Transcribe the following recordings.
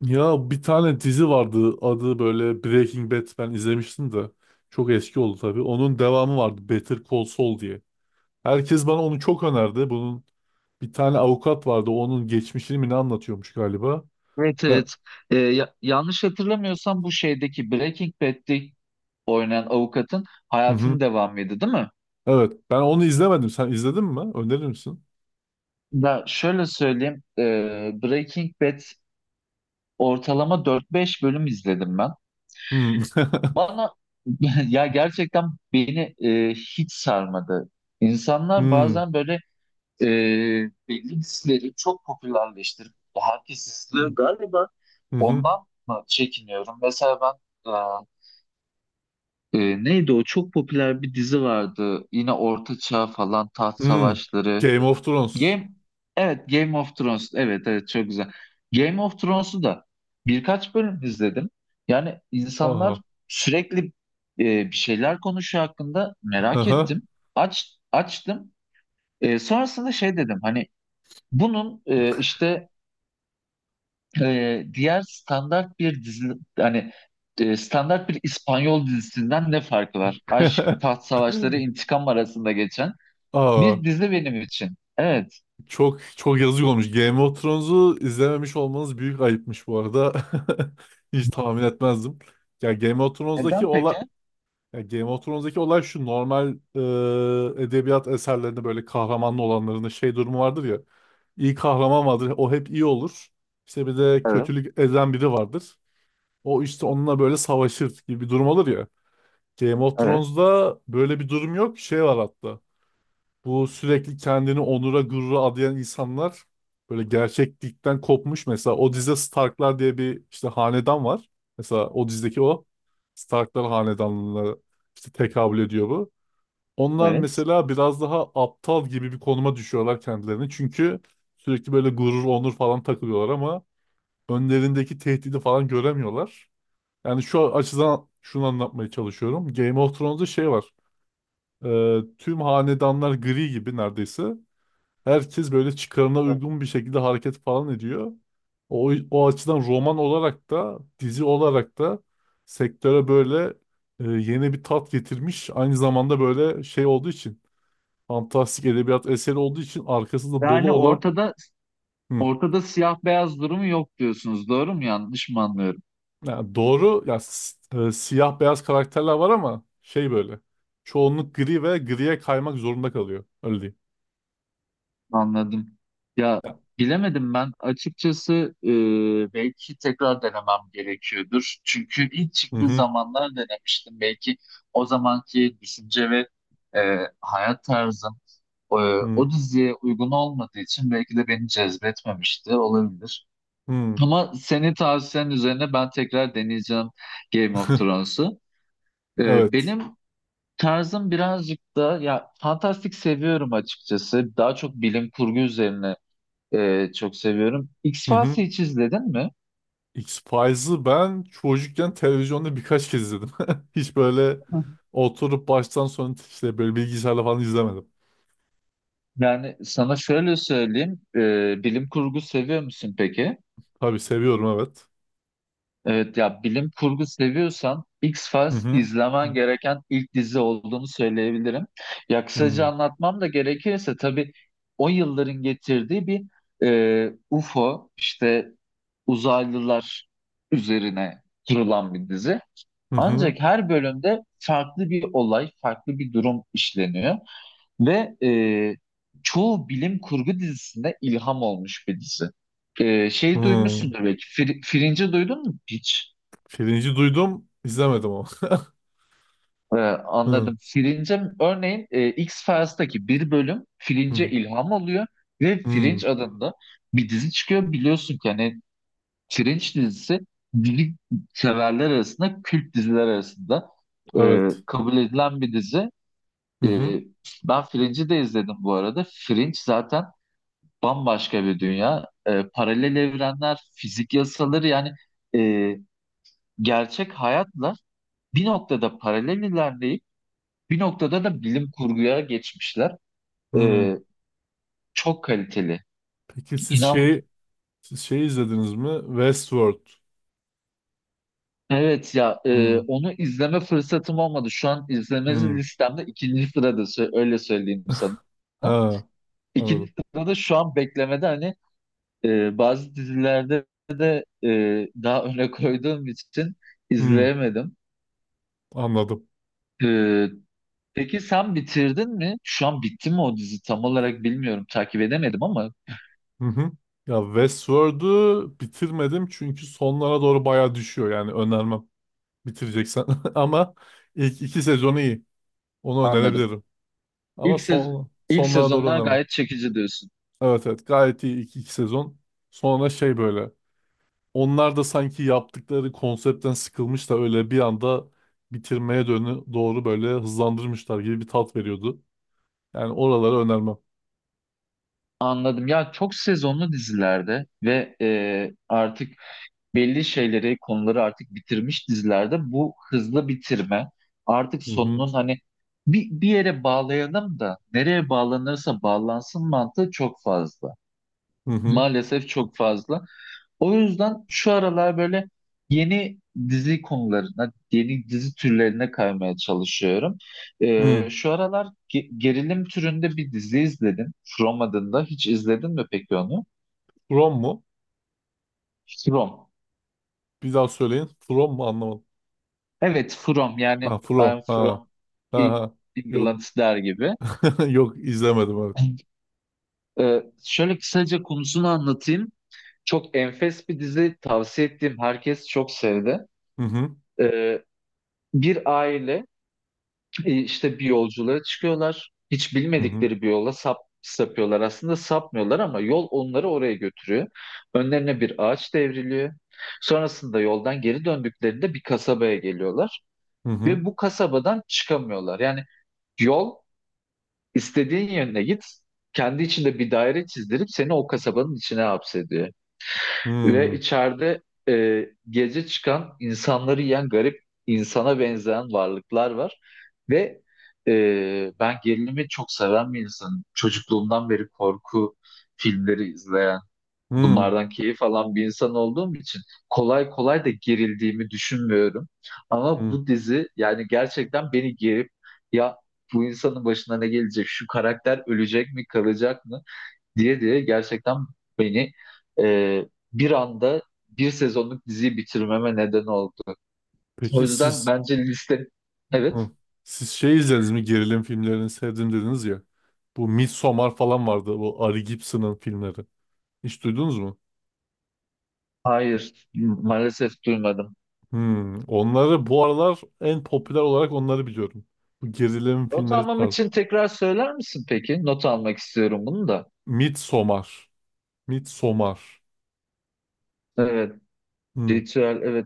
Ya bir tane dizi vardı adı böyle Breaking Bad ben izlemiştim de çok eski oldu tabii. Onun devamı vardı Better Call Saul diye. Herkes bana onu çok önerdi. Bunun bir tane avukat vardı onun geçmişini mi ne anlatıyormuş galiba. Evet, Ben, evet. Yanlış hatırlamıyorsam bu şeydeki Breaking Bad'de oynayan avukatın hı hı. hayatının devamıydı, değil mi? Evet ben onu izlemedim. Sen izledin mi? Önerir misin? Ya şöyle söyleyeyim. Breaking Bad ortalama dört beş bölüm izledim ben. Hmm. Bana ya gerçekten beni hiç sarmadı. İnsanlar Hmm. bazen böyle e, belli dizileri çok popülerleştirip herkes izliyor. Galiba Hı hı. ondan mı çekiniyorum? Mesela ben. Neydi o? Çok popüler bir dizi vardı. Yine Orta Çağ falan, taht Hmm. savaşları. Game of Thrones. Game, evet, Game of Thrones. Evet, evet, çok güzel. Game of Thrones'u da birkaç bölüm izledim. Yani insanlar Aha. sürekli e, bir şeyler konuşuyor hakkında, merak Aha. ettim. Açtım. Sonrasında şey dedim, hani bunun işte diğer standart bir dizi, hani standart bir İspanyol dizisinden ne farkı var? Aşk, taht savaşları, intikam arasında geçen Aa. bir dizi benim için. Evet. Çok çok yazık olmuş. Game of Thrones'u izlememiş olmanız büyük ayıpmış bu arada. Hiç tahmin etmezdim. Ya Game of Thrones'daki Neden olay peki? ya Game of Thrones'daki olay şu normal edebiyat eserlerinde böyle kahramanlı olanların şey durumu vardır ya. İyi kahraman vardır. O hep iyi olur. İşte bir de Evet, kötülük eden biri vardır. O işte onunla böyle savaşır gibi bir durum olur ya. Game of evet, Thrones'da böyle bir durum yok. Şey var hatta. Bu sürekli kendini onura gurura adayan insanlar böyle gerçeklikten kopmuş. Mesela o dizide Starklar diye bir işte hanedan var. Mesela o dizideki o Starklar hanedanlığına işte tekabül ediyor bu. Onlar evet. mesela biraz daha aptal gibi bir konuma düşüyorlar kendilerini. Çünkü sürekli böyle gurur, onur falan takılıyorlar ama önlerindeki tehdidi falan göremiyorlar. Yani şu açıdan şunu anlatmaya çalışıyorum. Game of Thrones'da şey var. Tüm hanedanlar gri gibi neredeyse. Herkes böyle çıkarına uygun bir şekilde hareket falan ediyor. O açıdan roman olarak da dizi olarak da sektöre böyle yeni bir tat getirmiş. Aynı zamanda böyle şey olduğu için fantastik edebiyat eseri olduğu için arkasında dolu Yani olan ortada hı, ortada siyah beyaz durumu yok diyorsunuz. Doğru mu, yanlış mı anlıyorum? yani doğru ya siyah beyaz karakterler var ama şey böyle çoğunluk gri ve griye kaymak zorunda kalıyor. Öyle diyeyim. Anladım. Ya Ya. bilemedim ben açıkçası, belki tekrar denemem gerekiyordur. Çünkü ilk Hı çıktığı hı. zamanlar denemiştim. Belki o zamanki düşünce ve hayat tarzım e, o Hı diziye uygun olmadığı için belki de beni cezbetmemişti, olabilir. hı. Ama senin tavsiyen üzerine ben tekrar deneyeceğim Game of Thrones'u. Evet. Benim tarzım birazcık da, ya fantastik seviyorum açıkçası. Daha çok bilim kurgu üzerine, çok seviyorum. Hı hı. X-Files'i hiç izledin mi? X-Files'ı ben çocukken televizyonda birkaç kez izledim. Hiç böyle Hı. oturup baştan sona işte böyle bilgisayarla falan izlemedim. Yani sana şöyle söyleyeyim. Bilim kurgu seviyor musun peki? Tabii seviyorum evet. Evet, ya bilim kurgu seviyorsan Hı X-Files hı. izlemen gereken ilk dizi olduğunu söyleyebilirim. Ya kısaca Hı anlatmam da gerekirse, tabii o yılların getirdiği bir UFO işte uzaylılar üzerine kurulan bir dizi. hı. Hı. Ancak her bölümde farklı bir olay, farklı bir durum işleniyor. Ve çoğu bilim kurgu dizisinde ilham olmuş bir dizi. Şey Hı. duymuşsundur belki. Fringe'i duydun mu hiç? Pirinci duydum, izlemedim ama. E, Hı Anladım. Fringe örneğin, X-Files'taki bir bölüm Fringe'e hı. ilham oluyor ve Hı. Fringe adında bir dizi çıkıyor. Biliyorsun ki hani Fringe dizisi bilim severler arasında, kült diziler arasında e, Evet. kabul edilen bir dizi. Hı E, hı. Ben Fringe'i de izledim bu arada. Fringe zaten bambaşka bir dünya. Paralel evrenler, fizik yasaları, yani e, gerçek hayatla bir noktada paralel ilerleyip bir noktada da bilim kurguya geçmişler. Hı. Ee, Çok kaliteli. Peki siz İnan, şey siz şey izlediniz mi? Westworld. evet ya, Hı onu izleme fırsatım olmadı. Şu an izleme hı. listemde ikinci sırada, öyle söyleyeyim sana. Ha, İkinci anladım. sırada şu an beklemede, hani bazı dizilerde e, daha öne koyduğum için Hı, izleyemedim. anladım. E, Peki sen bitirdin mi? Şu an bitti mi o dizi? Tam olarak bilmiyorum. Takip edemedim ama Hı hı. Ya Westworld'u bitirmedim çünkü sonlara doğru bayağı düşüyor yani önermem bitireceksen ama ilk iki sezonu iyi onu anladım. önerebilirim ama İlk sez son ilk sonlara doğru sezonlar önermem. gayet çekici diyorsun. Evet evet gayet iyi ilk iki sezon sonra şey böyle onlar da sanki yaptıkları konseptten sıkılmış da öyle bir anda bitirmeye dönü doğru böyle hızlandırmışlar gibi bir tat veriyordu. Yani oraları önermem. Anladım. Ya çok sezonlu dizilerde ve artık belli şeyleri, konuları artık bitirmiş dizilerde bu hızlı bitirme, artık Hı hı sonunun, hani bir yere bağlayalım da nereye bağlanırsa bağlansın mantığı çok fazla. hı hı. Maalesef çok fazla. O yüzden şu aralar böyle yeni dizi konularına, yeni dizi türlerine kaymaya çalışıyorum. Hı. Şu aralar gerilim türünde bir dizi izledim. From adında. Hiç izledin mi peki onu? From mu? From. Bir daha söyleyin. From mu anlamadım. Evet, From. Yani Ha From. I'm Ha. from Ha E- ha. Yok. England der gibi. Yok izlemedim evet. Şöyle kısaca konusunu anlatayım. Çok enfes bir dizi. Tavsiye ettiğim herkes çok sevdi. Hı hı. Ee, Bir aile, işte bir yolculuğa çıkıyorlar. Hiç Hı hı. bilmedikleri bir yola sapıyorlar. Aslında sapmıyorlar ama yol onları oraya götürüyor. Önlerine bir ağaç devriliyor. Sonrasında yoldan geri döndüklerinde bir kasabaya geliyorlar Hı hı. ve bu kasabadan çıkamıyorlar. Yani yol, istediğin yöne git, kendi içinde bir daire çizdirip seni o kasabanın içine hapsediyor. Ve Hı içeride gece çıkan insanları yiyen garip, insana benzeyen varlıklar var. Ve ben gerilimi çok seven bir insanım. Çocukluğumdan beri korku filmleri izleyen, hı. bunlardan keyif alan bir insan olduğum için kolay kolay da gerildiğimi düşünmüyorum. Ama Hı. bu dizi yani gerçekten beni gerip, ya bu insanın başına ne gelecek, şu karakter ölecek mi, kalacak mı, diye diye gerçekten beni, e, bir anda bir sezonluk diziyi bitirmeme neden oldu. O Peki yüzden siz bence liste... Evet, Hı. Siz şey izlediniz mi? Gerilim filmlerini sevdim dediniz ya. Bu Midsommar falan vardı. Bu Ari Gibson'ın filmleri. Hiç duydunuz mu? hayır, maalesef duymadım. Hı. Onları bu aralar en popüler olarak onları biliyorum. Bu gerilim Not filmleri almam tarzı. için tekrar söyler misin peki? Not almak istiyorum bunu da. Midsommar. Midsommar. Evet, Hı. ritüel, evet,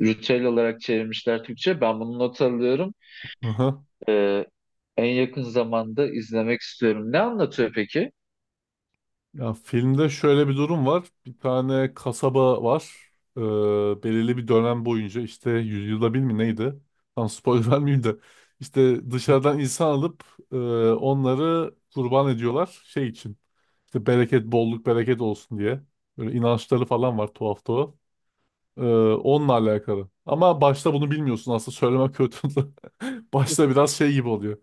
ritüel olarak çevirmişler Türkçe. Ben bunu not alıyorum. E, En yakın zamanda izlemek istiyorum. Ne anlatıyor peki? Ya filmde şöyle bir durum var. Bir tane kasaba var. Belirli bir dönem boyunca işte yüzyılda bir mi neydi? Tam spoiler vermeyeyim de. İşte dışarıdan insan alıp e, onları kurban ediyorlar şey için. İşte bereket, bolluk, bereket olsun diye. Böyle inançları falan var tuhaf tuhaf. Ee, Onunla alakalı. Ama başta bunu bilmiyorsun aslında söylemek kötü. Başta biraz şey gibi oluyor.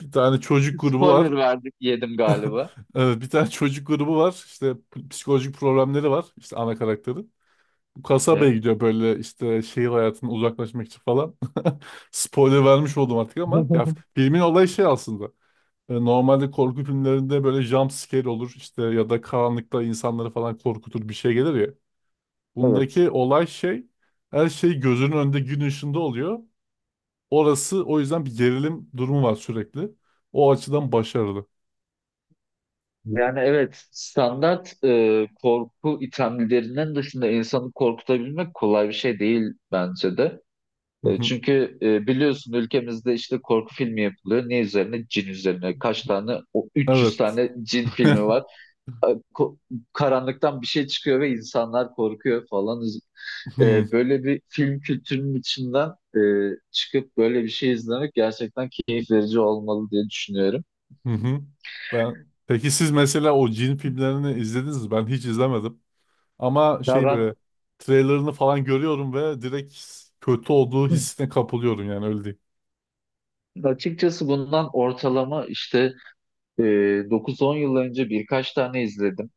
Bir tane çocuk grubu var. Spoiler verdik, yedim galiba. Evet, bir tane çocuk grubu var. İşte psikolojik problemleri var. İşte ana karakteri. Bu kasabaya Evet. gidiyor böyle işte şehir hayatından uzaklaşmak için falan. Spoiler vermiş oldum artık ama ya filmin olayı şey aslında. Normalde korku filmlerinde böyle jump scare olur işte ya da karanlıkta insanları falan korkutur bir şey gelir ya. Evet. Bundaki olay şey her şey gözünün önünde gün ışığında oluyor. Orası o yüzden bir gerilim durumu var sürekli. O açıdan başarılı. Yani evet, standart korku itemlerinden dışında insanı korkutabilmek kolay bir şey değil bence de. Hı hı. Çünkü biliyorsun, ülkemizde işte korku filmi yapılıyor. Ne üzerine? Cin üzerine. Kaç tane? O 300 Evet. tane cin filmi var. E, ko- Karanlıktan bir şey çıkıyor ve insanlar korkuyor falan. Hmm. Böyle bir film kültürünün içinden e, çıkıp böyle bir şey izlemek gerçekten keyif verici olmalı diye düşünüyorum. Hı hı. Ben peki siz mesela o cin filmlerini izlediniz mi? Ben hiç izlemedim. Ama Ya şey ben böyle trailerını falan görüyorum ve direkt kötü olduğu hissine kapılıyorum yani öyle diyeyim. Açıkçası bundan ortalama işte e, 9-10 yıl önce birkaç tane izledim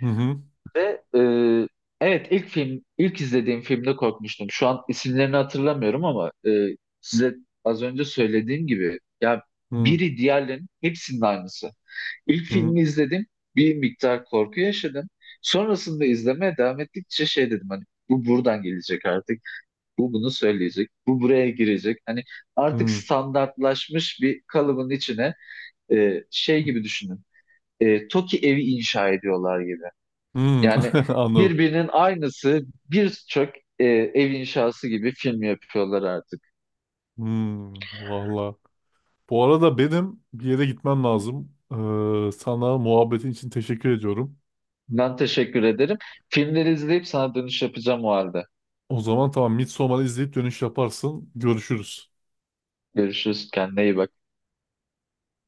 Hı hı. ve evet, ilk film, ilk izlediğim filmde korkmuştum. Şu an isimlerini hatırlamıyorum ama size az önce söylediğim gibi, ya Hı biri diğerlerinin hepsinin aynısı. İlk hı. filmi izledim, bir miktar korku yaşadım. Sonrasında izlemeye devam ettikçe şey dedim, hani bu buradan gelecek artık. Bu bunu söyleyecek. Bu buraya girecek. Hani artık Hı. standartlaşmış bir kalıbın içine, şey gibi düşünün. TOKİ evi inşa ediyorlar gibi. Hı. Yani Anladım. birbirinin aynısı birçok ev inşası gibi film yapıyorlar artık. Hı. Valla. Bu arada benim bir yere gitmem lazım. Sana muhabbetin için teşekkür ediyorum. Ben teşekkür ederim. Filmleri izleyip sana dönüş yapacağım o halde. O zaman tamam Midsommar'ı izleyip dönüş yaparsın. Görüşürüz. Görüşürüz. Kendine iyi bak.